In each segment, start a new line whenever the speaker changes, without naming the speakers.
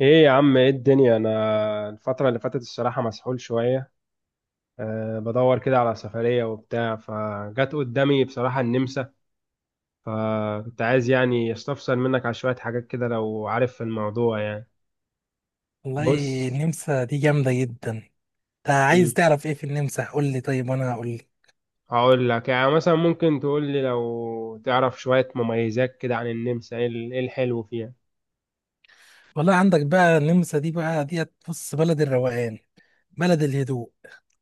ايه يا عم، ايه الدنيا؟ انا الفترة اللي فاتت الصراحة مسحول شوية. بدور كده على سفرية وبتاع، فجت قدامي بصراحة النمسا. فكنت عايز يعني استفسر منك على شوية حاجات كده لو عارف في الموضوع يعني.
والله،
بص.
النمسا دي جامدة جدا. انت عايز
مم.
تعرف ايه في النمسا؟ قول لي، طيب وانا هقول لي.
هقول لك، يعني مثلا ممكن تقول لي لو تعرف شوية مميزات كده عن النمسا، ايه إيه الحلو فيها؟
والله، عندك بقى النمسا دي بقى ديت، بص، بلد الروقان، بلد الهدوء،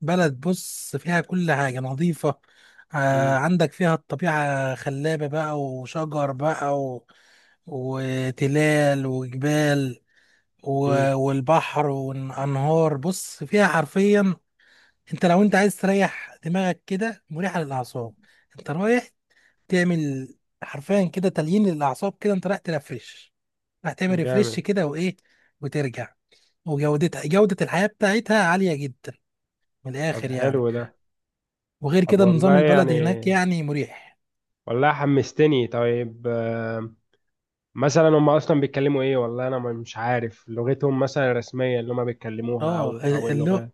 بلد بص فيها كل حاجة نظيفة. آه،
مم.
عندك فيها الطبيعة خلابة بقى، وشجر بقى وتلال وجبال و...
مم.
والبحر والأنهار. بص، فيها حرفيا انت لو عايز تريح دماغك كده، مريحة للأعصاب. انت رايح تعمل حرفيا كده تليين للاعصاب، كده انت رايح ترفرش، رايح تعمل ريفرش
جامد.
كده، وايه، وترجع. جودة الحياة بتاعتها عالية جدا، من
طب
الاخر يعني.
حلو ده.
وغير
طب
كده النظام
والله
البلدي
يعني،
هناك يعني مريح.
والله حمستني. طيب مثلا هم اصلا بيتكلموا ايه؟ والله انا مش عارف لغتهم، مثلا الرسميه اللي هم بيتكلموها، او
اه،
او اللغات.
اللغة.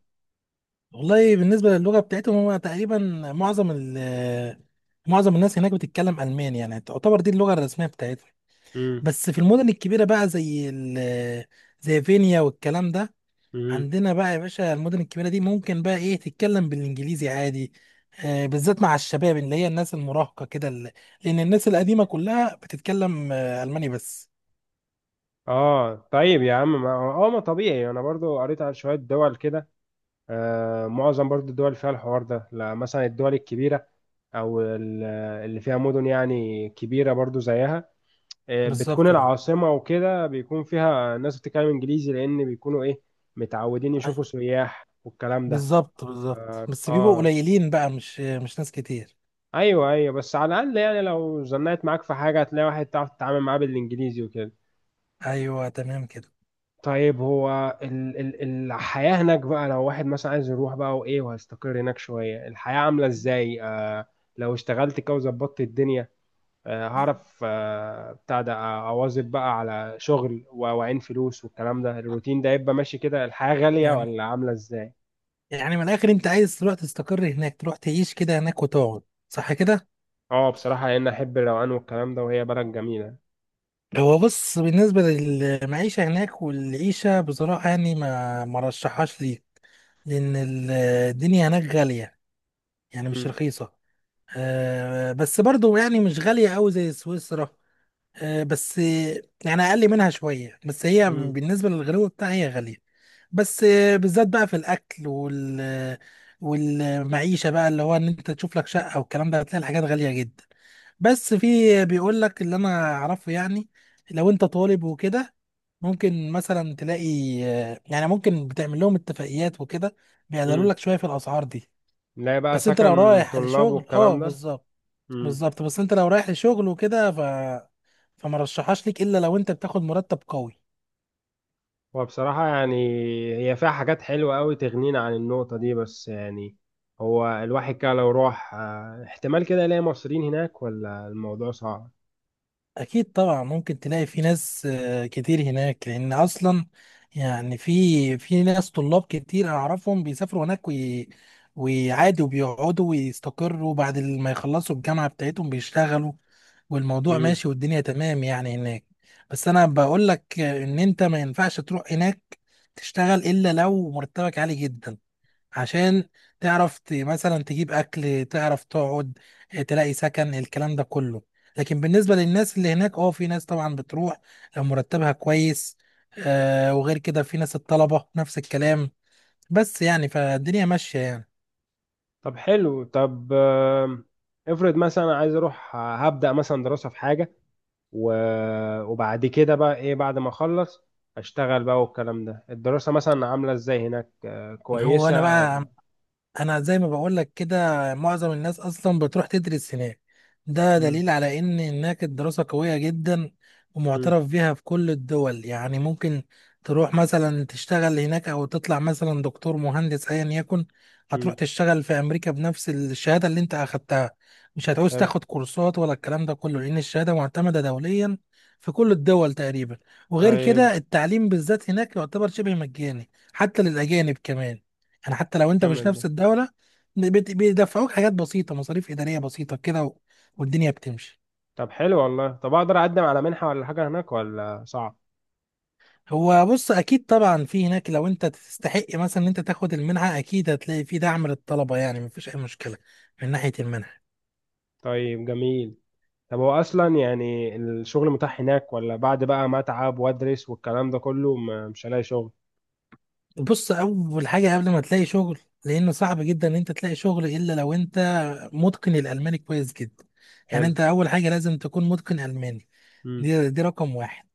والله، بالنسبة للغة بتاعتهم، هو تقريبا معظم ال معظم الناس هناك بتتكلم ألماني، يعني تعتبر دي اللغة الرسمية بتاعتهم.
امم.
بس في المدن الكبيرة بقى، زي فينيا والكلام ده.
امم.
عندنا بقى يا باشا، المدن الكبيرة دي ممكن بقى ايه تتكلم بالانجليزي عادي. آه، بالذات مع الشباب، اللي هي الناس المراهقة كده، لان الناس القديمة كلها بتتكلم الماني بس.
اه، طيب يا عم، ما طبيعي. انا برضو قريت على شويه دول كده. معظم برضو الدول فيها الحوار ده، لا مثلا الدول الكبيره، او اللي فيها مدن يعني كبيره برضو زيها، بتكون
بالظبط اه.
العاصمه وكده بيكون فيها ناس بتتكلم انجليزي، لان بيكونوا ايه، متعودين
أي-
يشوفوا سياح والكلام ده.
بالظبط بالظبط،
اه
بس بيبقوا
آه.
قليلين بقى، مش ناس كتير.
ايوه، ايوه، بس على الاقل يعني لو زنقت معاك في حاجه هتلاقي واحد تعرف تتعامل معاه بالانجليزي وكده.
ايوه، تمام كده.
طيب، هو ال ال الحياه هناك بقى، لو واحد مثلا عايز يروح بقى وايه وهيستقر هناك شويه، الحياه عامله ازاي؟ لو اشتغلت كده وظبطت الدنيا، هعرف، بتاع ده، اواظب بقى على شغل واعين فلوس والكلام ده، الروتين ده يبقى ماشي كده، الحياه غاليه
يعني
ولا عامله ازاي؟
يعني من الاخر، انت عايز تروح تستقر هناك، تروح تعيش كده هناك وتقعد، صح كده؟
اه بصراحه لان احب الروقان والكلام ده، وهي بلد جميله.
هو بص، بالنسبة للمعيشة هناك والعيشة، بصراحة يعني ما رشحهاش ليك. لأن الدنيا هناك غالية، يعني مش
امم.
رخيصة. بس برضو يعني مش غالية أوي زي سويسرا. بس يعني اقل منها شويه، بس هي بالنسبه للغلو بتاعها هي غاليه. بس بالذات بقى في الاكل والمعيشه بقى، اللي هو ان انت تشوف لك شقه والكلام ده، هتلاقي الحاجات غاليه جدا. بس في بيقول لك اللي انا اعرفه يعني، لو انت طالب وكده ممكن مثلا تلاقي، يعني ممكن بتعمل لهم اتفاقيات وكده، بيقللوا
امم.
لك شويه في الاسعار دي.
نلاقي بقى
بس انت لو
سكن
رايح
طلاب
لشغل اه،
والكلام ده.
بالظبط،
امم.
بالظبط. بس انت لو رايح لشغل وكده، فما رشحهاش ليك الا لو انت بتاخد مرتب قوي.
وبصراحة يعني، هي فيها حاجات حلوة قوي تغنينا عن النقطة دي، بس يعني، هو الواحد كده لو راح، احتمال كده يلاقي مصريين هناك ولا الموضوع صعب؟
اكيد طبعا ممكن تلاقي في ناس كتير هناك، لان اصلا يعني في ناس طلاب كتير اعرفهم بيسافروا هناك، ويعادوا وبيقعدوا ويستقروا بعد ما يخلصوا الجامعة بتاعتهم بيشتغلوا، والموضوع
امم.
ماشي والدنيا تمام يعني هناك. بس انا بقول لك ان انت ما ينفعش تروح هناك تشتغل الا لو مرتبك عالي جدا، عشان تعرف مثلا تجيب اكل، تعرف تقعد، تلاقي سكن، الكلام ده كله. لكن بالنسبه للناس اللي هناك، اه، في ناس طبعا بتروح لو مرتبها كويس، وغير كده في ناس الطلبه نفس الكلام، بس يعني فالدنيا ماشيه يعني.
طب حلو. طب افرض مثلا أنا عايز اروح، هبدأ مثلا دراسة في حاجة، وبعد كده بقى ايه، بعد ما اخلص اشتغل بقى والكلام ده، الدراسة مثلا عاملة ازاي هناك،
هو انا
كويسة
بقى
ولا؟
انا زي ما بقول لك كده، معظم الناس اصلا بتروح تدرس هناك، ده
امم.
دليل على ان هناك الدراسة قوية جدا،
امم.
ومعترف بيها في كل الدول، يعني ممكن تروح مثلا تشتغل هناك او تطلع مثلا دكتور مهندس ايا يكن، هتروح
امم.
تشتغل في امريكا بنفس الشهادة اللي انت اخدتها، مش هتعوز
حلو.
تاخد كورسات ولا الكلام ده كله لان الشهادة معتمدة دوليا في كل الدول تقريبا. وغير
طيب،
كده التعليم بالذات هناك يعتبر شبه مجاني، حتى للاجانب كمان، يعني حتى لو انت مش
جامد
نفس
ده.
الدولة، بيدفعوك حاجات بسيطة، مصاريف إدارية بسيطة كده، والدنيا بتمشي.
طب حلو والله. طب اقدر اقدم على منحة ولا حاجة هناك ولا صعب؟
هو بص، أكيد طبعا في هناك لو انت تستحق مثلا ان انت تاخد المنحة، أكيد هتلاقي في دعم للطلبة، يعني مفيش أي مشكلة من ناحية المنحة.
طيب جميل. طب هو اصلا يعني الشغل متاح هناك، ولا بعد بقى ما اتعب وادرس والكلام ده كله مش هلاقي شغل؟
بص، أول حاجة قبل ما تلاقي شغل، لأنه صعب جدا ان انت تلاقي شغل إلا لو انت متقن الألماني كويس جدا. يعني
حلو.
انت أول حاجة لازم تكون متقن ألماني.
امم.
دي رقم واحد.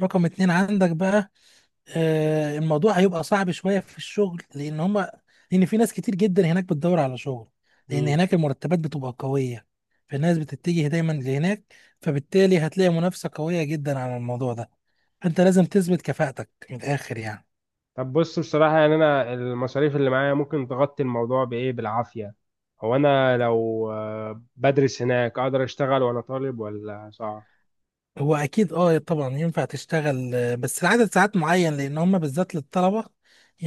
رقم اتنين، عندك بقى الموضوع هيبقى صعب شوية في الشغل، لأن في ناس كتير جدا هناك بتدور على شغل، لأن
امم.
هناك المرتبات بتبقى قوية، فالناس بتتجه دايما لهناك، فبالتالي هتلاقي منافسة قوية جدا على الموضوع ده، فأنت لازم تثبت كفاءتك من الآخر يعني.
طب بص، بصراحة يعني، انا المصاريف اللي معايا ممكن تغطي الموضوع بايه، بالعافية. هو انا لو بدرس هناك اقدر اشتغل وانا طالب ولا صعب؟
هو اكيد اه طبعا ينفع تشتغل، بس لعدد ساعات معين، لان هم بالذات للطلبه.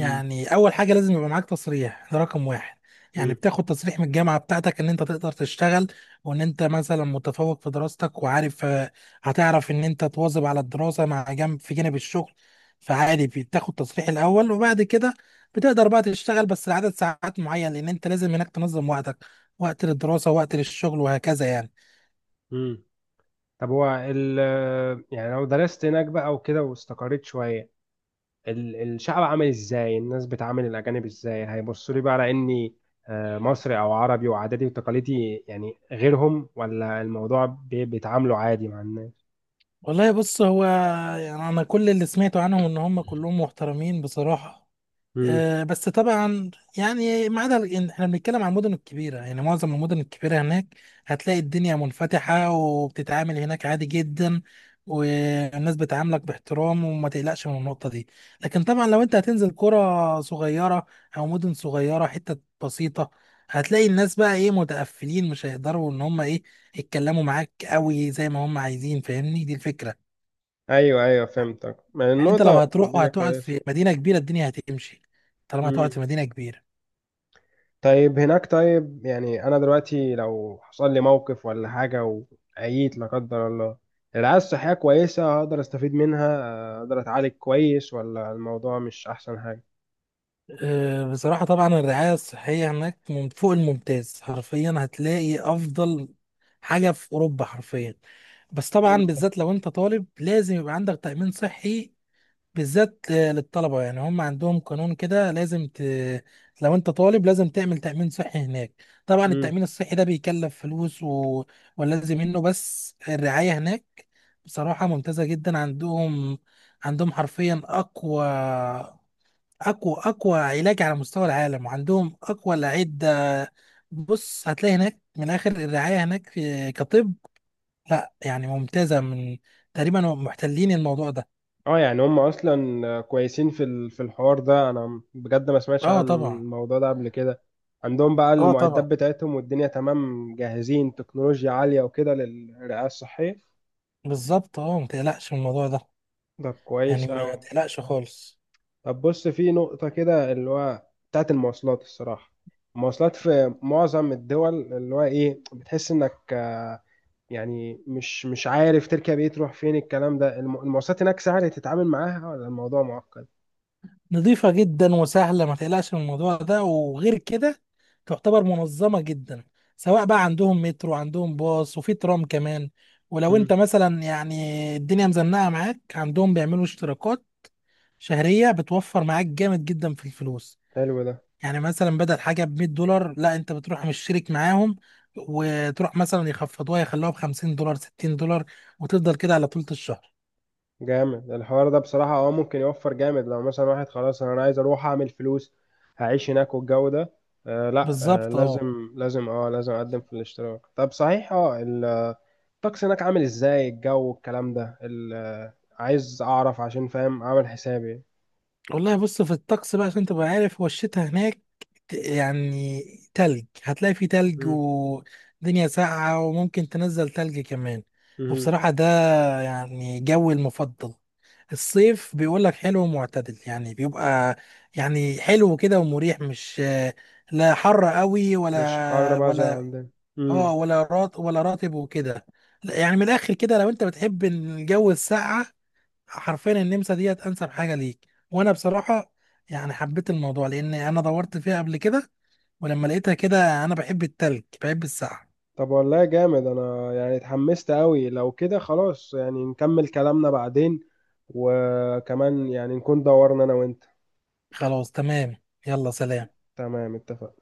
امم.
اول حاجه لازم يبقى معاك تصريح، ده رقم واحد. يعني
امم.
بتاخد تصريح من الجامعه بتاعتك ان انت تقدر تشتغل، وان انت مثلا متفوق في دراستك وعارف، هتعرف ان انت تواظب على الدراسه مع جنب في جانب الشغل. فعادي بتاخد تصريح الاول، وبعد كده بتقدر بقى تشتغل بس لعدد ساعات معين، لان انت لازم هناك تنظم وقتك، وقت للدراسه وقت للشغل وهكذا يعني.
امم. طب هو يعني لو درست هناك بقى وكده واستقريت شوية، الشعب عامل ازاي؟ الناس بتعامل الاجانب ازاي؟ هيبصوا لي بقى على اني مصري او عربي، وعاداتي وتقاليدي يعني غيرهم، ولا الموضوع بيتعاملوا عادي مع الناس؟
والله بص، يعني انا كل اللي سمعته عنهم ان هم كلهم محترمين بصراحه.
امم.
أه، بس طبعا يعني ما عدا إن احنا بنتكلم عن المدن الكبيره، يعني معظم المدن الكبيره هناك هتلاقي الدنيا منفتحه وبتتعامل هناك عادي جدا، والناس بتعاملك باحترام وما تقلقش من النقطه دي. لكن طبعا لو انت هتنزل قرى صغيره او مدن صغيره حته بسيطه، هتلاقي الناس بقى ايه متقفلين، مش هيقدروا ان هم ايه يتكلموا معاك قوي زي ما هم عايزين، فاهمني؟ دي الفكره.
ايوه، ايوه، فهمتك. ما
يعني انت لو
النقطة
هتروح
دي
وهتقعد
كويس.
في مدينه كبيره الدنيا هتمشي، طالما هتقعد
امم.
في مدينه كبيره.
طيب، هناك طيب يعني، انا دلوقتي لو حصل لي موقف ولا حاجة وعييت لا قدر الله، الرعاية الصحية كويسة؟ هقدر استفيد منها، اقدر اتعالج كويس ولا الموضوع مش احسن حاجة؟
بصراحه طبعا الرعايه الصحيه هناك من فوق الممتاز، حرفيا هتلاقي افضل حاجه في اوروبا حرفيا. بس
حلو
طبعا
ده.
بالذات لو انت طالب لازم يبقى عندك تامين صحي، بالذات للطلبة، يعني هم عندهم قانون كده لازم لو انت طالب لازم تعمل تأمين صحي هناك. طبعا
مم.
التأمين الصحي ده بيكلف فلوس، ولازم منه. بس الرعاية هناك بصراحة ممتازة جدا عندهم. عندهم حرفيا أقوى أقوى أقوى علاج على مستوى العالم، وعندهم أقوى الأعدة. بص، هتلاقي هناك من آخر الرعاية هناك كطب، لا يعني ممتازة، تقريبا محتلين الموضوع ده.
اه، يعني هم اصلا كويسين في الحوار ده. انا بجد ما سمعتش عن
اه طبعا،
الموضوع ده قبل كده. عندهم بقى
اه
المعدات
طبعا،
بتاعتهم والدنيا تمام، جاهزين تكنولوجيا عالية وكده للرعاية الصحية.
بالظبط اه، ما تقلقش من الموضوع ده،
ده
يعني
كويس
ما
أوي.
تقلقش خالص.
طب بص، في نقطة كده اللي هو بتاعت المواصلات الصراحة. المواصلات في معظم الدول اللي هو ايه، بتحس انك يعني مش عارف تركب ايه تروح فين الكلام ده، المواصلات هناك سهل تتعامل معاها ولا الموضوع معقد؟
نظيفة جدا وسهلة، ما تقلقش من الموضوع ده، وغير كده تعتبر منظمة جدا، سواء بقى عندهم مترو، عندهم باص، وفي ترام كمان. ولو انت
مم.
مثلا يعني الدنيا مزنقة معاك، عندهم بيعملوا اشتراكات شهرية بتوفر معاك جامد جدا في الفلوس،
حلو ده.
يعني مثلا بدل حاجة ب $100، لا انت بتروح مشترك معاهم، وتروح مثلا يخفضوها يخلوها ب $50 $60، وتفضل كده على طول الشهر.
جامد الحوار ده بصراحة، ممكن يوفر جامد لو مثلا واحد خلاص. انا عايز اروح اعمل فلوس، هعيش هناك والجو ده. لا،
بالظبط اه.
لازم اقدم في الاشتراك. طب صحيح، الطقس هناك عامل ازاي؟ الجو والكلام ده عايز اعرف عشان فاهم اعمل حسابي.
والله بص في الطقس بقى عشان تبقى عارف، هو الشتاء هناك يعني تلج، هتلاقي فيه تلج
مم.
ودنيا ساقعة وممكن تنزل تلج كمان.
مم.
وبصراحة ده يعني جوي المفضل. الصيف بيقولك حلو ومعتدل، يعني بيبقى يعني حلو كده ومريح، مش، لا حر قوي
مش حر
ولا
بقى زي
ولا
عندنا.
اه،
مم.
ولا راتب وكده، يعني من الاخر كده لو انت بتحب الجو الساقعة، حرفيا النمسا ديت انسب حاجه ليك، وانا بصراحه يعني حبيت الموضوع لان انا دورت فيها قبل كده، ولما لقيتها كده، انا بحب التلج بحب السقعه.
طب والله جامد، انا يعني اتحمست قوي. لو كده خلاص يعني نكمل كلامنا بعدين، وكمان يعني نكون دورنا انا وانت.
خلاص تمام، يلا سلام.
تمام، اتفق.